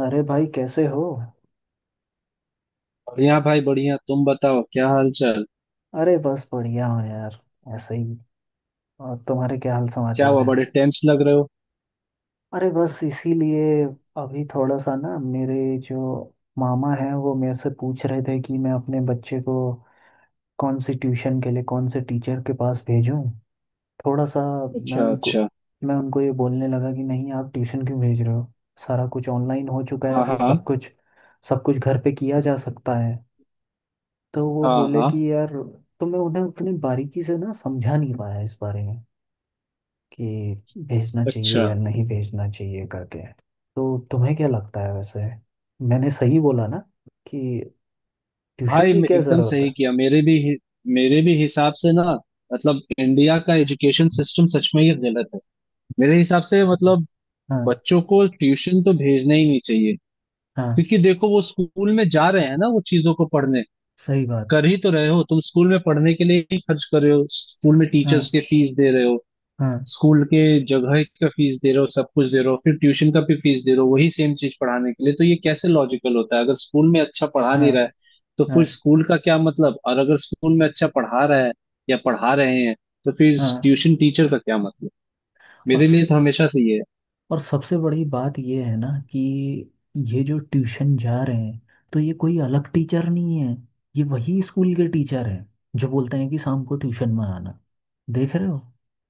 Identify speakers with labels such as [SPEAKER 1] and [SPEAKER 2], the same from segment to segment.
[SPEAKER 1] अरे भाई, कैसे हो?
[SPEAKER 2] बढ़िया भाई बढ़िया। तुम बताओ क्या हाल चाल।
[SPEAKER 1] अरे बस बढ़िया हो यार। ऐसे ही। और तुम्हारे क्या हाल
[SPEAKER 2] क्या
[SPEAKER 1] समाचार
[SPEAKER 2] हुआ,
[SPEAKER 1] हैं?
[SPEAKER 2] बड़े टेंस लग रहे हो?
[SPEAKER 1] अरे बस इसीलिए। अभी थोड़ा सा ना मेरे जो मामा हैं वो मेरे से पूछ रहे थे कि मैं अपने बच्चे को कौन सी ट्यूशन के लिए कौन से टीचर के पास भेजूं। थोड़ा सा। मैं
[SPEAKER 2] अच्छा
[SPEAKER 1] उनको
[SPEAKER 2] अच्छा।
[SPEAKER 1] मैं उनको ये बोलने लगा कि नहीं आप ट्यूशन क्यों भेज रहे हो। सारा कुछ ऑनलाइन हो चुका है
[SPEAKER 2] हाँ
[SPEAKER 1] तो
[SPEAKER 2] हाँ।
[SPEAKER 1] सब कुछ घर पे किया जा सकता है। तो वो
[SPEAKER 2] हाँ
[SPEAKER 1] बोले
[SPEAKER 2] हाँ।
[SPEAKER 1] कि यार। तो मैं उन्हें उतनी बारीकी से ना समझा नहीं पाया इस बारे में कि भेजना चाहिए
[SPEAKER 2] अच्छा,
[SPEAKER 1] या नहीं भेजना चाहिए करके। तो तुम्हें क्या लगता है वैसे? मैंने सही बोला ना? कि ट्यूशन
[SPEAKER 2] भाई
[SPEAKER 1] की क्या
[SPEAKER 2] एकदम
[SPEAKER 1] ज़रूरत
[SPEAKER 2] सही
[SPEAKER 1] है।
[SPEAKER 2] किया। मेरे भी हिसाब से ना, मतलब इंडिया का एजुकेशन सिस्टम सच में ही गलत है। मेरे हिसाब से मतलब
[SPEAKER 1] हाँ,
[SPEAKER 2] बच्चों को ट्यूशन तो भेजना ही नहीं चाहिए।
[SPEAKER 1] हाँ,
[SPEAKER 2] क्योंकि देखो वो स्कूल में जा रहे हैं ना वो चीजों को पढ़ने
[SPEAKER 1] सही बात।
[SPEAKER 2] कर ही तो रहे हो, तुम स्कूल में पढ़ने के लिए ही खर्च कर रहे हो, स्कूल में टीचर्स
[SPEAKER 1] हाँ,
[SPEAKER 2] के फीस दे रहे हो,
[SPEAKER 1] हाँ,
[SPEAKER 2] स्कूल के जगह का फीस दे रहे हो, सब कुछ दे रहे हो, फिर ट्यूशन का भी फीस दे रहे हो वही सेम चीज पढ़ाने के लिए। तो ये कैसे लॉजिकल होता है? अगर स्कूल में अच्छा पढ़ा
[SPEAKER 1] हाँ,
[SPEAKER 2] नहीं रहा है तो
[SPEAKER 1] हाँ,
[SPEAKER 2] फिर स्कूल का क्या मतलब? और अगर स्कूल में अच्छा पढ़ा रहा है या पढ़ा रहे हैं तो फिर
[SPEAKER 1] हाँ।
[SPEAKER 2] ट्यूशन टीचर का क्या मतलब? मेरे
[SPEAKER 1] बस,
[SPEAKER 2] लिए तो हमेशा से ये है।
[SPEAKER 1] और सबसे बड़ी बात ये है ना कि ये जो ट्यूशन जा रहे हैं, तो ये कोई अलग टीचर नहीं है, ये वही स्कूल के टीचर हैं जो बोलते हैं कि शाम को ट्यूशन में आना। देख रहे हो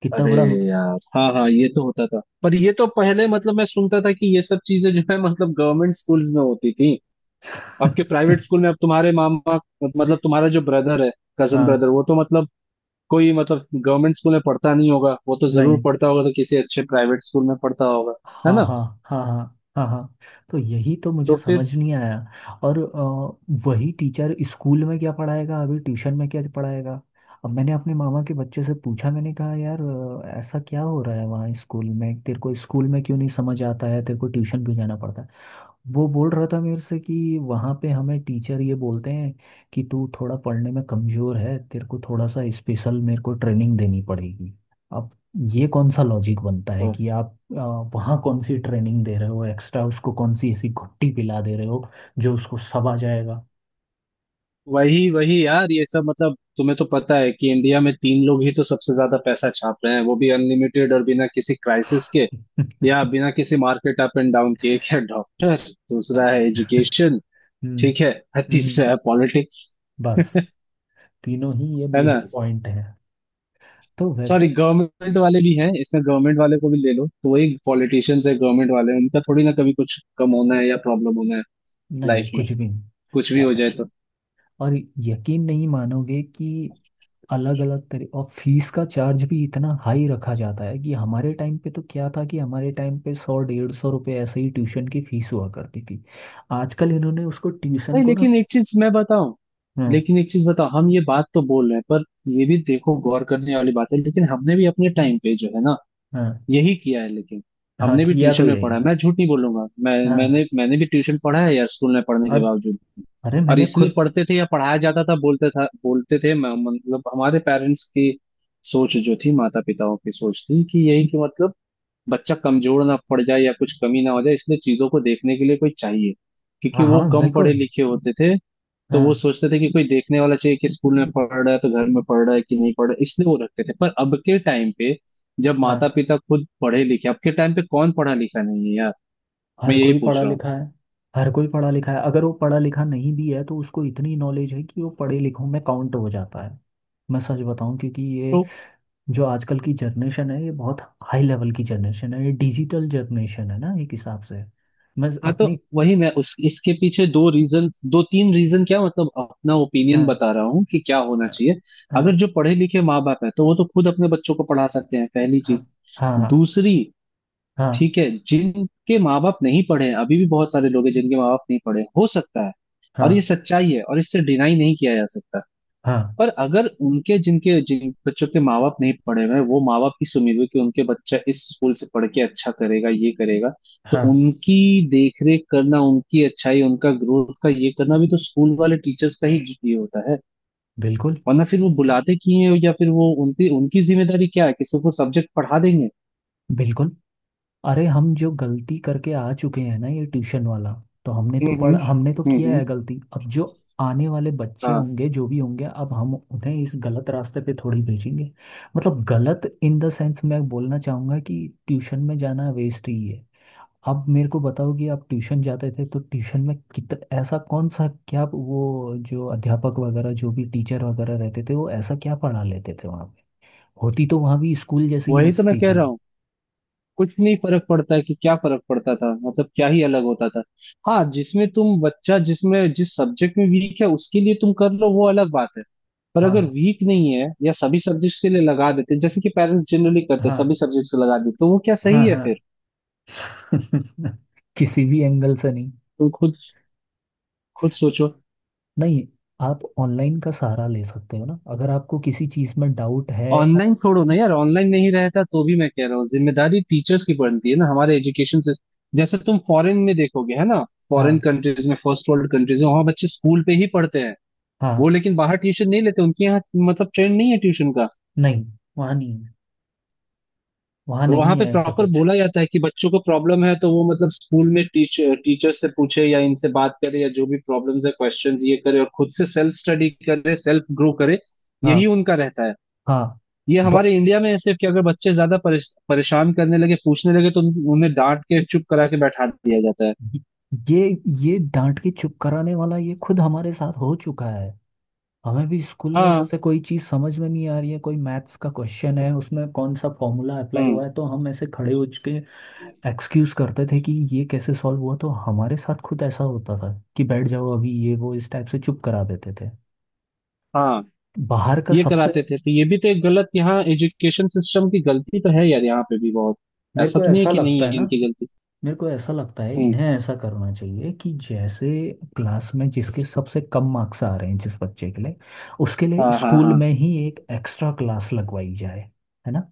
[SPEAKER 1] कितना
[SPEAKER 2] अरे
[SPEAKER 1] बड़ा।
[SPEAKER 2] यार, हाँ हाँ, ये तो होता था पर ये तो पहले मतलब मैं सुनता था कि ये सब चीजें जो है मतलब गवर्नमेंट स्कूल्स में होती थी। आपके प्राइवेट स्कूल में अब तुम्हारे मामा, मतलब तुम्हारा जो ब्रदर है, कजन
[SPEAKER 1] हाँ,
[SPEAKER 2] ब्रदर, वो तो मतलब कोई मतलब गवर्नमेंट स्कूल में पढ़ता नहीं होगा, वो तो जरूर
[SPEAKER 1] नहीं,
[SPEAKER 2] पढ़ता होगा तो किसी अच्छे प्राइवेट स्कूल में पढ़ता होगा, है
[SPEAKER 1] हाँ,
[SPEAKER 2] ना?
[SPEAKER 1] हाँ, हाँ, हाँ, हाँ, हाँ। तो यही तो मुझे
[SPEAKER 2] तो फिर
[SPEAKER 1] समझ नहीं आया। और वही टीचर स्कूल में क्या पढ़ाएगा, अभी ट्यूशन में क्या पढ़ाएगा। अब मैंने अपने मामा के बच्चे से पूछा, मैंने कहा यार ऐसा क्या हो रहा है वहाँ स्कूल में, तेरे को स्कूल में क्यों नहीं समझ आता है, तेरे को ट्यूशन क्यों जाना पड़ता है। वो बोल रहा था मेरे से कि वहाँ पे हमें टीचर ये बोलते हैं कि तू थोड़ा पढ़ने में कमज़ोर है, तेरे को थोड़ा सा स्पेशल मेरे को ट्रेनिंग देनी पड़ेगी। अब ये कौन सा लॉजिक बनता है
[SPEAKER 2] हम्म।
[SPEAKER 1] कि आप वहाँ कौन सी ट्रेनिंग दे रहे हो एक्स्ट्रा, उसको कौन सी ऐसी घुट्टी पिला दे रहे हो जो उसको सब आ जाएगा।
[SPEAKER 2] वही वही यार, ये सब मतलब तुम्हें तो पता है कि इंडिया में तीन लोग ही तो सबसे ज्यादा पैसा छाप रहे हैं, वो भी अनलिमिटेड और बिना किसी क्राइसिस के या बिना किसी मार्केट अप एंड डाउन के। एक है डॉक्टर, दूसरा है एजुकेशन,
[SPEAKER 1] हम्म।
[SPEAKER 2] ठीक है, और
[SPEAKER 1] हम्म।
[SPEAKER 2] तीसरा है पॉलिटिक्स,
[SPEAKER 1] बस, तीनों ही ये
[SPEAKER 2] है ना?
[SPEAKER 1] मेजर पॉइंट है। तो
[SPEAKER 2] सॉरी,
[SPEAKER 1] वैसे
[SPEAKER 2] गवर्नमेंट वाले भी हैं इसमें, गवर्नमेंट वाले को भी ले लो तो वही पॉलिटिशियंस है। गवर्नमेंट वाले उनका थोड़ी ना कभी कुछ कम होना है या प्रॉब्लम होना है
[SPEAKER 1] नहीं,
[SPEAKER 2] लाइफ में,
[SPEAKER 1] कुछ भी
[SPEAKER 2] कुछ भी हो
[SPEAKER 1] नहीं।
[SPEAKER 2] जाए तो।
[SPEAKER 1] और यकीन नहीं मानोगे कि अलग अलग तरह और फीस का चार्ज भी इतना हाई रखा जाता है कि हमारे टाइम पे तो क्या था कि हमारे टाइम पे सौ डेढ़ सौ रुपये ऐसे ही ट्यूशन की फीस हुआ करती थी। आजकल इन्होंने उसको ट्यूशन
[SPEAKER 2] नहीं
[SPEAKER 1] को ना।
[SPEAKER 2] लेकिन एक चीज मैं बताऊं,
[SPEAKER 1] हाँ,
[SPEAKER 2] लेकिन एक चीज बताओ, हम ये बात तो बोल रहे हैं पर ये भी देखो गौर करने वाली बात है, लेकिन हमने भी अपने टाइम पे जो है ना
[SPEAKER 1] हाँ।
[SPEAKER 2] यही किया है। लेकिन
[SPEAKER 1] हाँ,
[SPEAKER 2] हमने भी
[SPEAKER 1] किया तो
[SPEAKER 2] ट्यूशन में
[SPEAKER 1] यही
[SPEAKER 2] पढ़ा है,
[SPEAKER 1] है।
[SPEAKER 2] मैं झूठ नहीं बोलूंगा, मैं
[SPEAKER 1] हाँ।
[SPEAKER 2] मैंने मैंने भी ट्यूशन पढ़ा है यार, स्कूल में पढ़ने के
[SPEAKER 1] और
[SPEAKER 2] बावजूद भी।
[SPEAKER 1] अरे
[SPEAKER 2] और
[SPEAKER 1] मैंने
[SPEAKER 2] इसलिए
[SPEAKER 1] खुद।
[SPEAKER 2] पढ़ते थे या पढ़ाया जाता था, बोलते थे, मतलब हमारे पेरेंट्स की सोच जो थी, माता पिताओं की सोच थी कि यही कि मतलब बच्चा कमजोर ना पड़ जाए या कुछ कमी ना हो जाए इसलिए चीजों को देखने के लिए कोई चाहिए, क्योंकि
[SPEAKER 1] हाँ, हाँ,
[SPEAKER 2] वो कम पढ़े
[SPEAKER 1] बिल्कुल।
[SPEAKER 2] लिखे होते थे। तो वो
[SPEAKER 1] हाँ,
[SPEAKER 2] सोचते थे कि कोई देखने वाला चाहिए कि स्कूल में पढ़ रहा है तो घर में पढ़ रहा है कि नहीं पढ़ रहा है, इसलिए वो रखते थे। पर अब के टाइम पे जब माता
[SPEAKER 1] हाँ।
[SPEAKER 2] पिता खुद पढ़े लिखे, अब के टाइम पे कौन पढ़ा लिखा नहीं है यार, मैं
[SPEAKER 1] हर
[SPEAKER 2] यही
[SPEAKER 1] कोई पढ़ा
[SPEAKER 2] पूछ रहा हूँ।
[SPEAKER 1] लिखा है। हर कोई पढ़ा लिखा है, अगर वो पढ़ा लिखा नहीं भी है तो उसको इतनी नॉलेज है कि वो पढ़े लिखों में काउंट हो जाता है। मैं सच बताऊं, क्योंकि ये
[SPEAKER 2] तो
[SPEAKER 1] जो आजकल की जनरेशन है ये बहुत हाई लेवल की जनरेशन है, ये डिजिटल जनरेशन है ना एक हिसाब से। मैं
[SPEAKER 2] हाँ, तो
[SPEAKER 1] अपनी।
[SPEAKER 2] वही मैं, उस इसके पीछे दो रीजन, दो तीन रीजन, क्या मतलब अपना ओपिनियन
[SPEAKER 1] हाँ,
[SPEAKER 2] बता रहा हूँ कि क्या होना चाहिए।
[SPEAKER 1] हाँ।
[SPEAKER 2] अगर जो पढ़े लिखे माँ बाप है तो वो तो खुद अपने बच्चों को पढ़ा सकते हैं, पहली
[SPEAKER 1] हाँ,
[SPEAKER 2] चीज।
[SPEAKER 1] हाँ, हाँ,
[SPEAKER 2] दूसरी,
[SPEAKER 1] हाँ,
[SPEAKER 2] ठीक है जिनके माँ बाप नहीं पढ़े हैं, अभी भी बहुत सारे लोग हैं जिनके माँ बाप नहीं पढ़े हैं, हो सकता है, और ये
[SPEAKER 1] हाँ,
[SPEAKER 2] सच्चाई है और इससे डिनाई नहीं किया जा सकता।
[SPEAKER 1] हाँ,
[SPEAKER 2] पर अगर उनके जिन बच्चों के माँ बाप नहीं पढ़े हुए हैं, वो माँ बाप इस उम्मीद में कि उनके बच्चा इस स्कूल से पढ़ के अच्छा करेगा ये करेगा, तो
[SPEAKER 1] हाँ,
[SPEAKER 2] उनकी देख रेख करना, उनकी अच्छाई, उनका ग्रोथ का ये करना भी तो स्कूल वाले टीचर्स का ही ये होता है।
[SPEAKER 1] बिल्कुल।
[SPEAKER 2] वरना फिर वो बुलाते क्यों हैं? या फिर वो उनकी उनकी जिम्मेदारी क्या है कि सिर्फ वो सब्जेक्ट पढ़ा देंगे?
[SPEAKER 1] बिल्कुल। अरे हम जो गलती करके आ चुके हैं ना, ये ट्यूशन वाला, तो हमने तो
[SPEAKER 2] हम्म, हम्म,
[SPEAKER 1] पढ़ हमने तो
[SPEAKER 2] हम्म,
[SPEAKER 1] किया
[SPEAKER 2] हम्म।
[SPEAKER 1] है गलती। अब जो आने वाले बच्चे
[SPEAKER 2] हाँ,
[SPEAKER 1] होंगे जो भी होंगे, अब हम उन्हें इस गलत रास्ते पे थोड़ी भेजेंगे। मतलब गलत इन द सेंस, मैं बोलना चाहूँगा कि ट्यूशन में जाना वेस्ट ही है। आप मेरे को बताओ कि आप ट्यूशन जाते थे तो ट्यूशन में कितना ऐसा कौन सा क्या, वो जो अध्यापक वगैरह जो भी टीचर वगैरह रहते थे वो ऐसा क्या पढ़ा लेते थे वहाँ पे? होती तो वहाँ भी स्कूल जैसी ही
[SPEAKER 2] वही तो मैं
[SPEAKER 1] मस्ती
[SPEAKER 2] कह
[SPEAKER 1] थी।
[SPEAKER 2] रहा हूँ, कुछ नहीं फर्क पड़ता है, कि क्या फर्क पड़ता था, मतलब क्या ही अलग होता था। हाँ जिसमें तुम बच्चा जिसमें जिस सब्जेक्ट में वीक है उसके लिए तुम कर लो, वो अलग बात है। पर अगर
[SPEAKER 1] हाँ,
[SPEAKER 2] वीक नहीं है या सभी सब्जेक्ट्स के लिए लगा देते जैसे कि पेरेंट्स जनरली करते हैं,
[SPEAKER 1] हाँ,
[SPEAKER 2] सभी सब्जेक्ट्स को लगा देते, तो वो क्या
[SPEAKER 1] हाँ,
[SPEAKER 2] सही है
[SPEAKER 1] हाँ।
[SPEAKER 2] फिर?
[SPEAKER 1] किसी भी एंगल से नहीं।
[SPEAKER 2] तुम खुद खुद सोचो।
[SPEAKER 1] नहीं, आप ऑनलाइन का सहारा ले सकते हो ना, अगर आपको किसी चीज़ में डाउट है।
[SPEAKER 2] ऑनलाइन छोड़ो ना यार, ऑनलाइन नहीं रहता तो भी मैं कह रहा हूँ, जिम्मेदारी टीचर्स की बनती है ना हमारे एजुकेशन से। जैसे तुम फॉरेन में देखोगे है ना, फॉरेन
[SPEAKER 1] हाँ,
[SPEAKER 2] कंट्रीज में, फर्स्ट वर्ल्ड कंट्रीज में वहां बच्चे स्कूल पे ही पढ़ते हैं।
[SPEAKER 1] हाँ।
[SPEAKER 2] वो लेकिन बाहर ट्यूशन नहीं लेते, उनके यहाँ मतलब ट्रेंड नहीं है ट्यूशन का।
[SPEAKER 1] नहीं, वहाँ नहीं है। वहाँ
[SPEAKER 2] और वहां
[SPEAKER 1] नहीं
[SPEAKER 2] पे
[SPEAKER 1] है ऐसा
[SPEAKER 2] प्रॉपर
[SPEAKER 1] कुछ।
[SPEAKER 2] बोला जाता है कि बच्चों को प्रॉब्लम है तो वो मतलब स्कूल में टीचर टीचर से पूछे या इनसे बात करे या जो भी प्रॉब्लम्स है क्वेश्चन ये करे और खुद से सेल्फ स्टडी करे, सेल्फ ग्रो करे।
[SPEAKER 1] हाँ,
[SPEAKER 2] यही उनका रहता है।
[SPEAKER 1] हाँ।
[SPEAKER 2] ये हमारे इंडिया में है सिर्फ कि अगर बच्चे ज्यादा परेशान करने लगे पूछने लगे तो उन्हें डांट के चुप करा के बैठा दिया जाता है।
[SPEAKER 1] ये ये ये डांट के चुप कराने वाला ये खुद हमारे साथ हो चुका है। हमें भी स्कूल में
[SPEAKER 2] हाँ।
[SPEAKER 1] जैसे कोई चीज समझ में नहीं आ रही है, कोई मैथ्स का क्वेश्चन है उसमें कौन सा फॉर्मूला अप्लाई
[SPEAKER 2] हम्म।
[SPEAKER 1] हुआ है, तो हम ऐसे खड़े हो के एक्सक्यूज करते थे कि ये कैसे सॉल्व हुआ, तो हमारे साथ खुद ऐसा होता था कि बैठ जाओ अभी ये वो, इस टाइप से चुप करा देते थे।
[SPEAKER 2] हाँ।
[SPEAKER 1] बाहर का
[SPEAKER 2] ये
[SPEAKER 1] सबसे।
[SPEAKER 2] कराते थे तो ये भी तो एक गलत, यहाँ एजुकेशन सिस्टम की गलती तो है यार, यहाँ पे भी बहुत।
[SPEAKER 1] मेरे
[SPEAKER 2] ऐसा
[SPEAKER 1] को
[SPEAKER 2] तो नहीं है
[SPEAKER 1] ऐसा
[SPEAKER 2] कि नहीं
[SPEAKER 1] लगता
[SPEAKER 2] है
[SPEAKER 1] है ना,
[SPEAKER 2] इनकी गलती।
[SPEAKER 1] मेरे को ऐसा लगता है
[SPEAKER 2] हम्म।
[SPEAKER 1] इन्हें ऐसा करना चाहिए कि जैसे क्लास में जिसके सबसे कम मार्क्स आ रहे हैं जिस बच्चे के लिए, उसके लिए
[SPEAKER 2] हाँ। हाँ
[SPEAKER 1] स्कूल
[SPEAKER 2] हाँ।
[SPEAKER 1] में ही एक एक्स्ट्रा क्लास लगवाई जाए। है ना?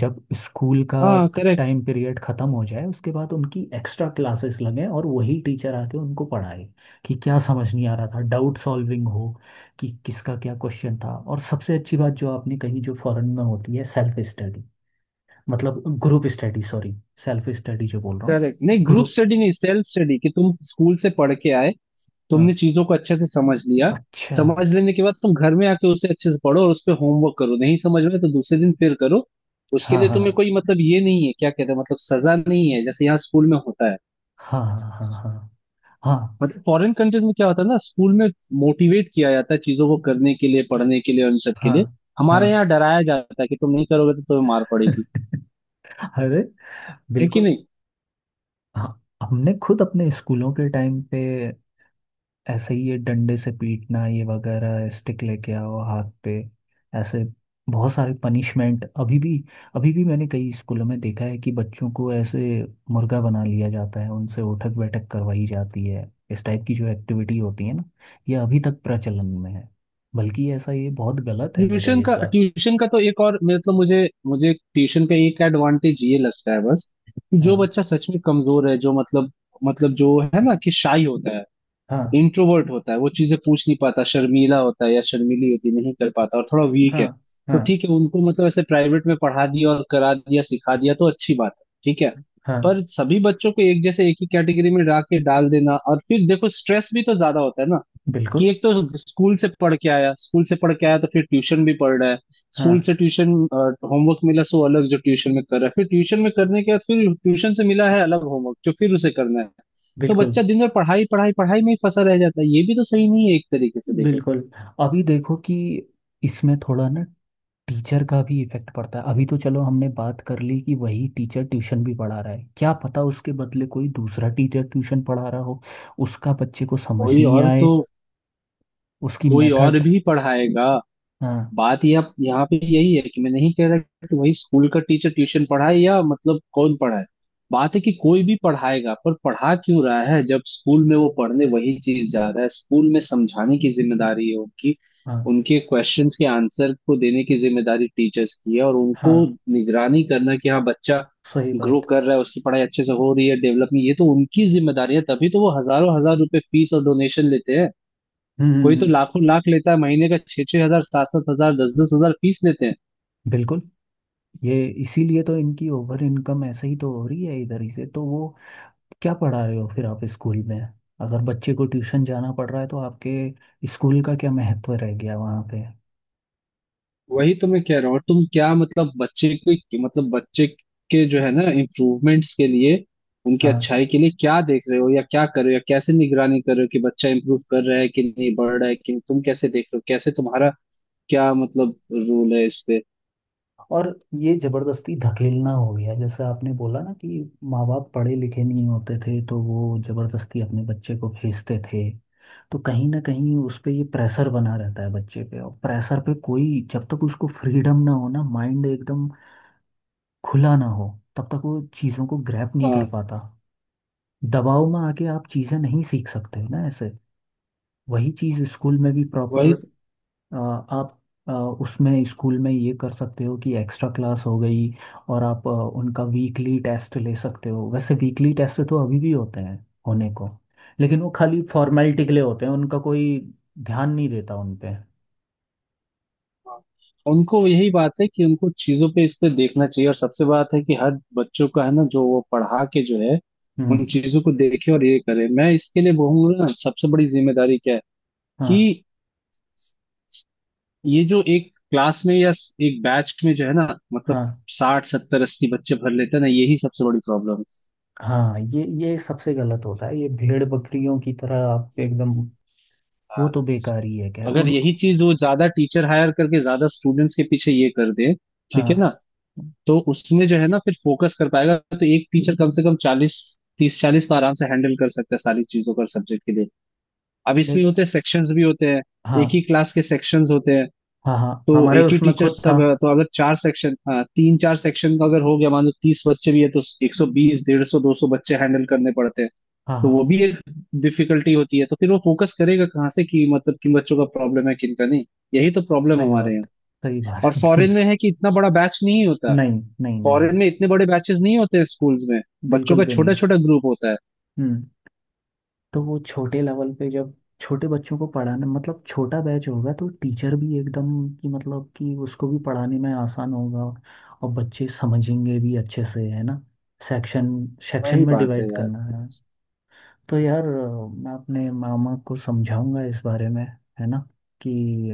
[SPEAKER 1] जब स्कूल का
[SPEAKER 2] हाँ। करेक्ट।
[SPEAKER 1] टाइम पीरियड खत्म हो जाए उसके बाद उनकी एक्स्ट्रा क्लासेस लगें और वही टीचर आके उनको पढ़ाए कि क्या समझ नहीं आ रहा था, डाउट सॉल्विंग हो कि किसका क्या क्वेश्चन था। और सबसे अच्छी बात जो आपने कही जो फॉरेन में होती है, सेल्फ स्टडी, मतलब group study, sorry, self study जो बोल रहा
[SPEAKER 2] करेक्ट, नहीं ग्रुप
[SPEAKER 1] हूँ।
[SPEAKER 2] स्टडी नहीं, सेल्फ स्टडी, कि तुम स्कूल से पढ़ के आए,
[SPEAKER 1] हाँ,
[SPEAKER 2] तुमने चीजों को अच्छे से समझ लिया,
[SPEAKER 1] अच्छा।
[SPEAKER 2] समझ लेने के बाद तुम घर में आके उसे अच्छे से पढ़ो और उस पर होमवर्क करो, नहीं समझ में तो दूसरे दिन फिर करो। उसके
[SPEAKER 1] हाँ,
[SPEAKER 2] लिए
[SPEAKER 1] हाँ,
[SPEAKER 2] तुम्हें कोई मतलब ये नहीं है, क्या कहते हैं, मतलब सजा नहीं है जैसे यहाँ स्कूल में होता है।
[SPEAKER 1] हाँ, हाँ, हाँ, हाँ,
[SPEAKER 2] मतलब फॉरेन कंट्रीज में क्या होता है ना स्कूल में, मोटिवेट किया जाता है चीजों को करने के लिए, पढ़ने के लिए और इन सब के
[SPEAKER 1] हाँ,
[SPEAKER 2] लिए।
[SPEAKER 1] हाँ,
[SPEAKER 2] हमारे
[SPEAKER 1] हाँ।
[SPEAKER 2] यहाँ डराया जाता है कि तुम नहीं करोगे तो तुम्हें मार पड़ेगी,
[SPEAKER 1] अरे,
[SPEAKER 2] है कि
[SPEAKER 1] बिल्कुल।
[SPEAKER 2] नहीं?
[SPEAKER 1] हाँ हमने खुद अपने स्कूलों के टाइम पे, ऐसे ही ये डंडे से पीटना, ये वगैरह स्टिक लेके आओ हाथ पे, ऐसे बहुत सारे पनिशमेंट। अभी भी, अभी भी मैंने कई स्कूलों में देखा है कि बच्चों को ऐसे मुर्गा बना लिया जाता है, उनसे उठक बैठक करवाई जाती है, इस टाइप की जो एक्टिविटी होती है ना, ये अभी तक प्रचलन में है। बल्कि ऐसा, ये बहुत गलत है मेरे
[SPEAKER 2] ट्यूशन का
[SPEAKER 1] हिसाब से।
[SPEAKER 2] ट्यूशन का तो एक और मतलब मुझे, ट्यूशन का एक एडवांटेज ये लगता है बस, कि जो
[SPEAKER 1] हाँ,
[SPEAKER 2] बच्चा सच में कमजोर है, जो मतलब, मतलब जो है ना, कि शाई होता है,
[SPEAKER 1] हाँ,
[SPEAKER 2] इंट्रोवर्ट होता है, वो चीजें पूछ नहीं पाता, शर्मीला होता है या शर्मीली होती है, नहीं कर पाता और थोड़ा वीक
[SPEAKER 1] हाँ,
[SPEAKER 2] है, तो
[SPEAKER 1] हाँ,
[SPEAKER 2] ठीक है उनको मतलब ऐसे प्राइवेट में पढ़ा दिया और करा दिया सिखा दिया तो अच्छी बात है, ठीक है।
[SPEAKER 1] हाँ,
[SPEAKER 2] पर सभी बच्चों को एक जैसे एक ही कैटेगरी में डाल देना, और फिर देखो स्ट्रेस भी तो ज्यादा होता है ना। कि
[SPEAKER 1] बिल्कुल,
[SPEAKER 2] एक तो स्कूल से पढ़ के आया स्कूल से पढ़ के आया तो फिर ट्यूशन भी पढ़ रहा है, स्कूल
[SPEAKER 1] हाँ,
[SPEAKER 2] से ट्यूशन होमवर्क मिला सो अलग जो ट्यूशन में कर रहा है, फिर ट्यूशन में करने के बाद फिर ट्यूशन से मिला है अलग होमवर्क जो फिर उसे करना है। तो
[SPEAKER 1] बिल्कुल,
[SPEAKER 2] बच्चा दिन भर पढ़ाई पढ़ाई पढ़ाई में ही फंसा रह जाता है, ये भी तो सही नहीं है एक तरीके से देखो तो।
[SPEAKER 1] बिल्कुल। अभी देखो कि इसमें थोड़ा ना टीचर का भी इफेक्ट पड़ता है। अभी तो चलो हमने बात कर ली कि वही टीचर ट्यूशन भी पढ़ा रहा है, क्या पता उसके बदले कोई दूसरा टीचर ट्यूशन पढ़ा रहा हो, उसका बच्चे को समझ
[SPEAKER 2] कोई
[SPEAKER 1] नहीं
[SPEAKER 2] और
[SPEAKER 1] आए,
[SPEAKER 2] तो
[SPEAKER 1] उसकी
[SPEAKER 2] कोई और
[SPEAKER 1] मेथड।
[SPEAKER 2] भी पढ़ाएगा।
[SPEAKER 1] हाँ,
[SPEAKER 2] बात यह यहाँ पे यही है कि मैं नहीं कह रहा कि वही स्कूल का टीचर ट्यूशन पढ़ाए या मतलब कौन पढ़ाए। बात है कि कोई भी पढ़ाएगा, पर पढ़ा क्यों रहा है जब स्कूल में वो पढ़ने वही चीज जा रहा है, स्कूल में समझाने की जिम्मेदारी है उनकी,
[SPEAKER 1] हाँ,
[SPEAKER 2] उनके क्वेश्चंस के आंसर को देने की जिम्मेदारी टीचर्स की है, और उनको
[SPEAKER 1] हाँ,
[SPEAKER 2] निगरानी करना कि हाँ बच्चा
[SPEAKER 1] सही
[SPEAKER 2] ग्रो
[SPEAKER 1] बात।
[SPEAKER 2] कर रहा है, उसकी पढ़ाई अच्छे से हो रही है, डेवलपमेंट, ये तो उनकी जिम्मेदारी है, तभी तो वो हजारों हजार रुपए फीस और डोनेशन लेते हैं।
[SPEAKER 1] हम्म। हम्म।
[SPEAKER 2] कोई तो
[SPEAKER 1] हम्म।
[SPEAKER 2] लाखों लाख लेता है महीने का, छह छह हजार, सात सात हजार, दस दस हजार फीस लेते हैं।
[SPEAKER 1] बिल्कुल। ये इसीलिए तो इनकी ओवर इनकम ऐसे ही तो हो रही है, इधर ही से तो वो। क्या पढ़ा रहे हो फिर आप स्कूल में? अगर बच्चे को ट्यूशन जाना पड़ रहा है तो आपके स्कूल का क्या महत्व रह गया वहाँ पे?
[SPEAKER 2] वही तो मैं कह रहा हूँ। और तुम क्या मतलब बच्चे के जो है ना इम्प्रूवमेंट्स के लिए, उनकी
[SPEAKER 1] हाँ।
[SPEAKER 2] अच्छाई के लिए क्या देख रहे हो या क्या कर रहे हो या कैसे निगरानी कर रहे हो कि बच्चा इम्प्रूव कर रहा है कि नहीं, बढ़ रहा है कि नहीं? तुम कैसे देख रहे हो, कैसे तुम्हारा क्या मतलब रोल है इस पे?
[SPEAKER 1] और ये जबरदस्ती धकेलना हो गया जैसे आपने बोला ना कि माँ बाप पढ़े लिखे नहीं होते थे तो वो जबरदस्ती अपने बच्चे को भेजते थे, तो कहीं ना कहीं उस पे ये प्रेशर बना रहता है बच्चे पे, और प्रेशर पे कोई, जब तक उसको फ्रीडम ना हो ना, माइंड एकदम खुला ना हो, तब तक वो चीज़ों को ग्रैप नहीं कर
[SPEAKER 2] हाँ।
[SPEAKER 1] पाता। दबाव में आके आप चीज़ें नहीं सीख सकते ना ऐसे। वही चीज़ स्कूल में भी प्रॉपर
[SPEAKER 2] वही।
[SPEAKER 1] आप अ, उसमें स्कूल में ये कर सकते हो कि एक्स्ट्रा क्लास हो गई, और आप उनका वीकली टेस्ट ले सकते हो। वैसे वीकली टेस्ट तो अभी भी होते हैं, होने को, लेकिन वो खाली फॉर्मेलिटी के लिए होते हैं, उनका कोई ध्यान नहीं देता उन पे।
[SPEAKER 2] हाँ। उनको यही बात है कि उनको चीजों पे इस पे देखना चाहिए, और सबसे बात है कि हर बच्चों का है ना जो वो पढ़ा के जो है उन
[SPEAKER 1] हम्म।
[SPEAKER 2] चीजों को देखे और ये करे। मैं इसके लिए बोलूंगा ना, सबसे बड़ी जिम्मेदारी क्या है,
[SPEAKER 1] हाँ,
[SPEAKER 2] कि ये जो एक क्लास में या एक बैच में जो है ना मतलब
[SPEAKER 1] हाँ।
[SPEAKER 2] 60 70 80 बच्चे भर लेते हैं ना, यही सबसे बड़ी प्रॉब्लम है।
[SPEAKER 1] हाँ ये सबसे गलत होता है, ये भेड़ बकरियों की तरह आप एकदम, वो
[SPEAKER 2] हाँ।
[SPEAKER 1] तो बेकार ही है, खैर
[SPEAKER 2] अगर
[SPEAKER 1] उन।
[SPEAKER 2] यही चीज वो ज्यादा टीचर हायर करके ज्यादा स्टूडेंट्स के पीछे ये कर दे, ठीक है
[SPEAKER 1] हाँ,
[SPEAKER 2] ना, तो उसमें जो है ना फिर फोकस कर पाएगा। तो एक टीचर कम से कम 40, 30 40 तो आराम से हैंडल कर सकता है सारी चीजों का सब्जेक्ट के लिए। अब
[SPEAKER 1] ले,
[SPEAKER 2] इसमें होते हैं सेक्शंस भी होते हैं, एक ही
[SPEAKER 1] हाँ,
[SPEAKER 2] क्लास के सेक्शंस होते हैं
[SPEAKER 1] हाँ, हाँ
[SPEAKER 2] तो
[SPEAKER 1] हमारे
[SPEAKER 2] एक ही
[SPEAKER 1] उसमें
[SPEAKER 2] टीचर
[SPEAKER 1] खुद था।
[SPEAKER 2] सब, तो अगर चार सेक्शन, तीन चार सेक्शन का अगर हो गया, मान लो 30 बच्चे भी है, तो 120, 150, 200 बच्चे हैंडल करने पड़ते हैं।
[SPEAKER 1] हाँ,
[SPEAKER 2] तो
[SPEAKER 1] हाँ,
[SPEAKER 2] वो भी एक डिफिकल्टी होती है, तो फिर वो फोकस करेगा कहाँ से कि मतलब किन बच्चों का प्रॉब्लम है किन का नहीं। यही तो प्रॉब्लम
[SPEAKER 1] सही
[SPEAKER 2] हमारे यहाँ।
[SPEAKER 1] बात, सही बात।
[SPEAKER 2] और फॉरेन में है कि इतना बड़ा बैच नहीं होता,
[SPEAKER 1] नहीं, नहीं, नहीं।
[SPEAKER 2] फॉरेन में इतने बड़े बैचेस नहीं होते स्कूल्स में, बच्चों
[SPEAKER 1] बिल्कुल
[SPEAKER 2] का
[SPEAKER 1] भी
[SPEAKER 2] छोटा
[SPEAKER 1] नहीं।
[SPEAKER 2] छोटा ग्रुप होता है।
[SPEAKER 1] हम्म। तो वो छोटे लेवल पे जब छोटे बच्चों को पढ़ाना, मतलब छोटा बैच होगा तो टीचर भी एकदम, कि मतलब कि उसको भी पढ़ाने में आसान होगा और बच्चे समझेंगे भी अच्छे से। है ना? सेक्शन, सेक्शन
[SPEAKER 2] वही
[SPEAKER 1] में
[SPEAKER 2] बात है
[SPEAKER 1] डिवाइड
[SPEAKER 2] यार।
[SPEAKER 1] करना है। तो यार मैं अपने मामा को समझाऊंगा इस बारे में। है ना? कि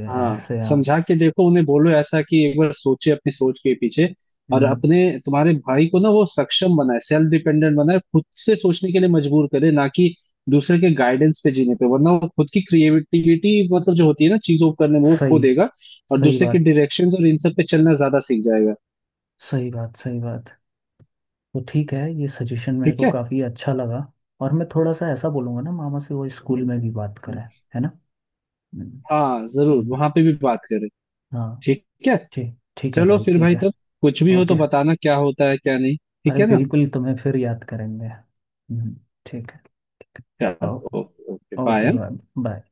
[SPEAKER 2] हाँ,
[SPEAKER 1] ऐसे आप।
[SPEAKER 2] समझा के देखो उन्हें, बोलो ऐसा कि एक बार सोचे अपनी सोच के पीछे। और
[SPEAKER 1] हम्म।
[SPEAKER 2] अपने तुम्हारे भाई को ना वो सक्षम बनाए, सेल्फ डिपेंडेंट बनाए, खुद से सोचने के लिए मजबूर करे, ना कि दूसरे के गाइडेंस पे जीने पे, वरना वो खुद की क्रिएटिविटी, मतलब जो होती है ना चीजों को करने में, वो खो
[SPEAKER 1] सही,
[SPEAKER 2] देगा, और
[SPEAKER 1] सही
[SPEAKER 2] दूसरे के
[SPEAKER 1] बात,
[SPEAKER 2] डायरेक्शंस और इन सब पे चलना ज्यादा सीख जाएगा।
[SPEAKER 1] सही बात, सही बात। तो ठीक है, ये सजेशन मेरे
[SPEAKER 2] ठीक
[SPEAKER 1] को
[SPEAKER 2] है।
[SPEAKER 1] काफ़ी अच्छा लगा। और मैं थोड़ा सा ऐसा बोलूँगा ना मामा से, वो स्कूल में भी बात करें। है ना? हम्म।
[SPEAKER 2] हाँ जरूर
[SPEAKER 1] हम्म।
[SPEAKER 2] वहां पे भी बात करें।
[SPEAKER 1] हाँ।
[SPEAKER 2] ठीक है।
[SPEAKER 1] ठीक, ठीक है
[SPEAKER 2] चलो
[SPEAKER 1] भाई,
[SPEAKER 2] फिर
[SPEAKER 1] ठीक
[SPEAKER 2] भाई
[SPEAKER 1] है।
[SPEAKER 2] तब, कुछ भी हो तो
[SPEAKER 1] ओके,
[SPEAKER 2] बताना क्या होता है क्या नहीं, ठीक
[SPEAKER 1] अरे
[SPEAKER 2] है ना?
[SPEAKER 1] बिल्कुल, तुम्हें फिर याद करेंगे। हम्म। ठीक है। ठीक है। ओ-,
[SPEAKER 2] चलो, okay okay
[SPEAKER 1] okay
[SPEAKER 2] bye.
[SPEAKER 1] Bye. Bye.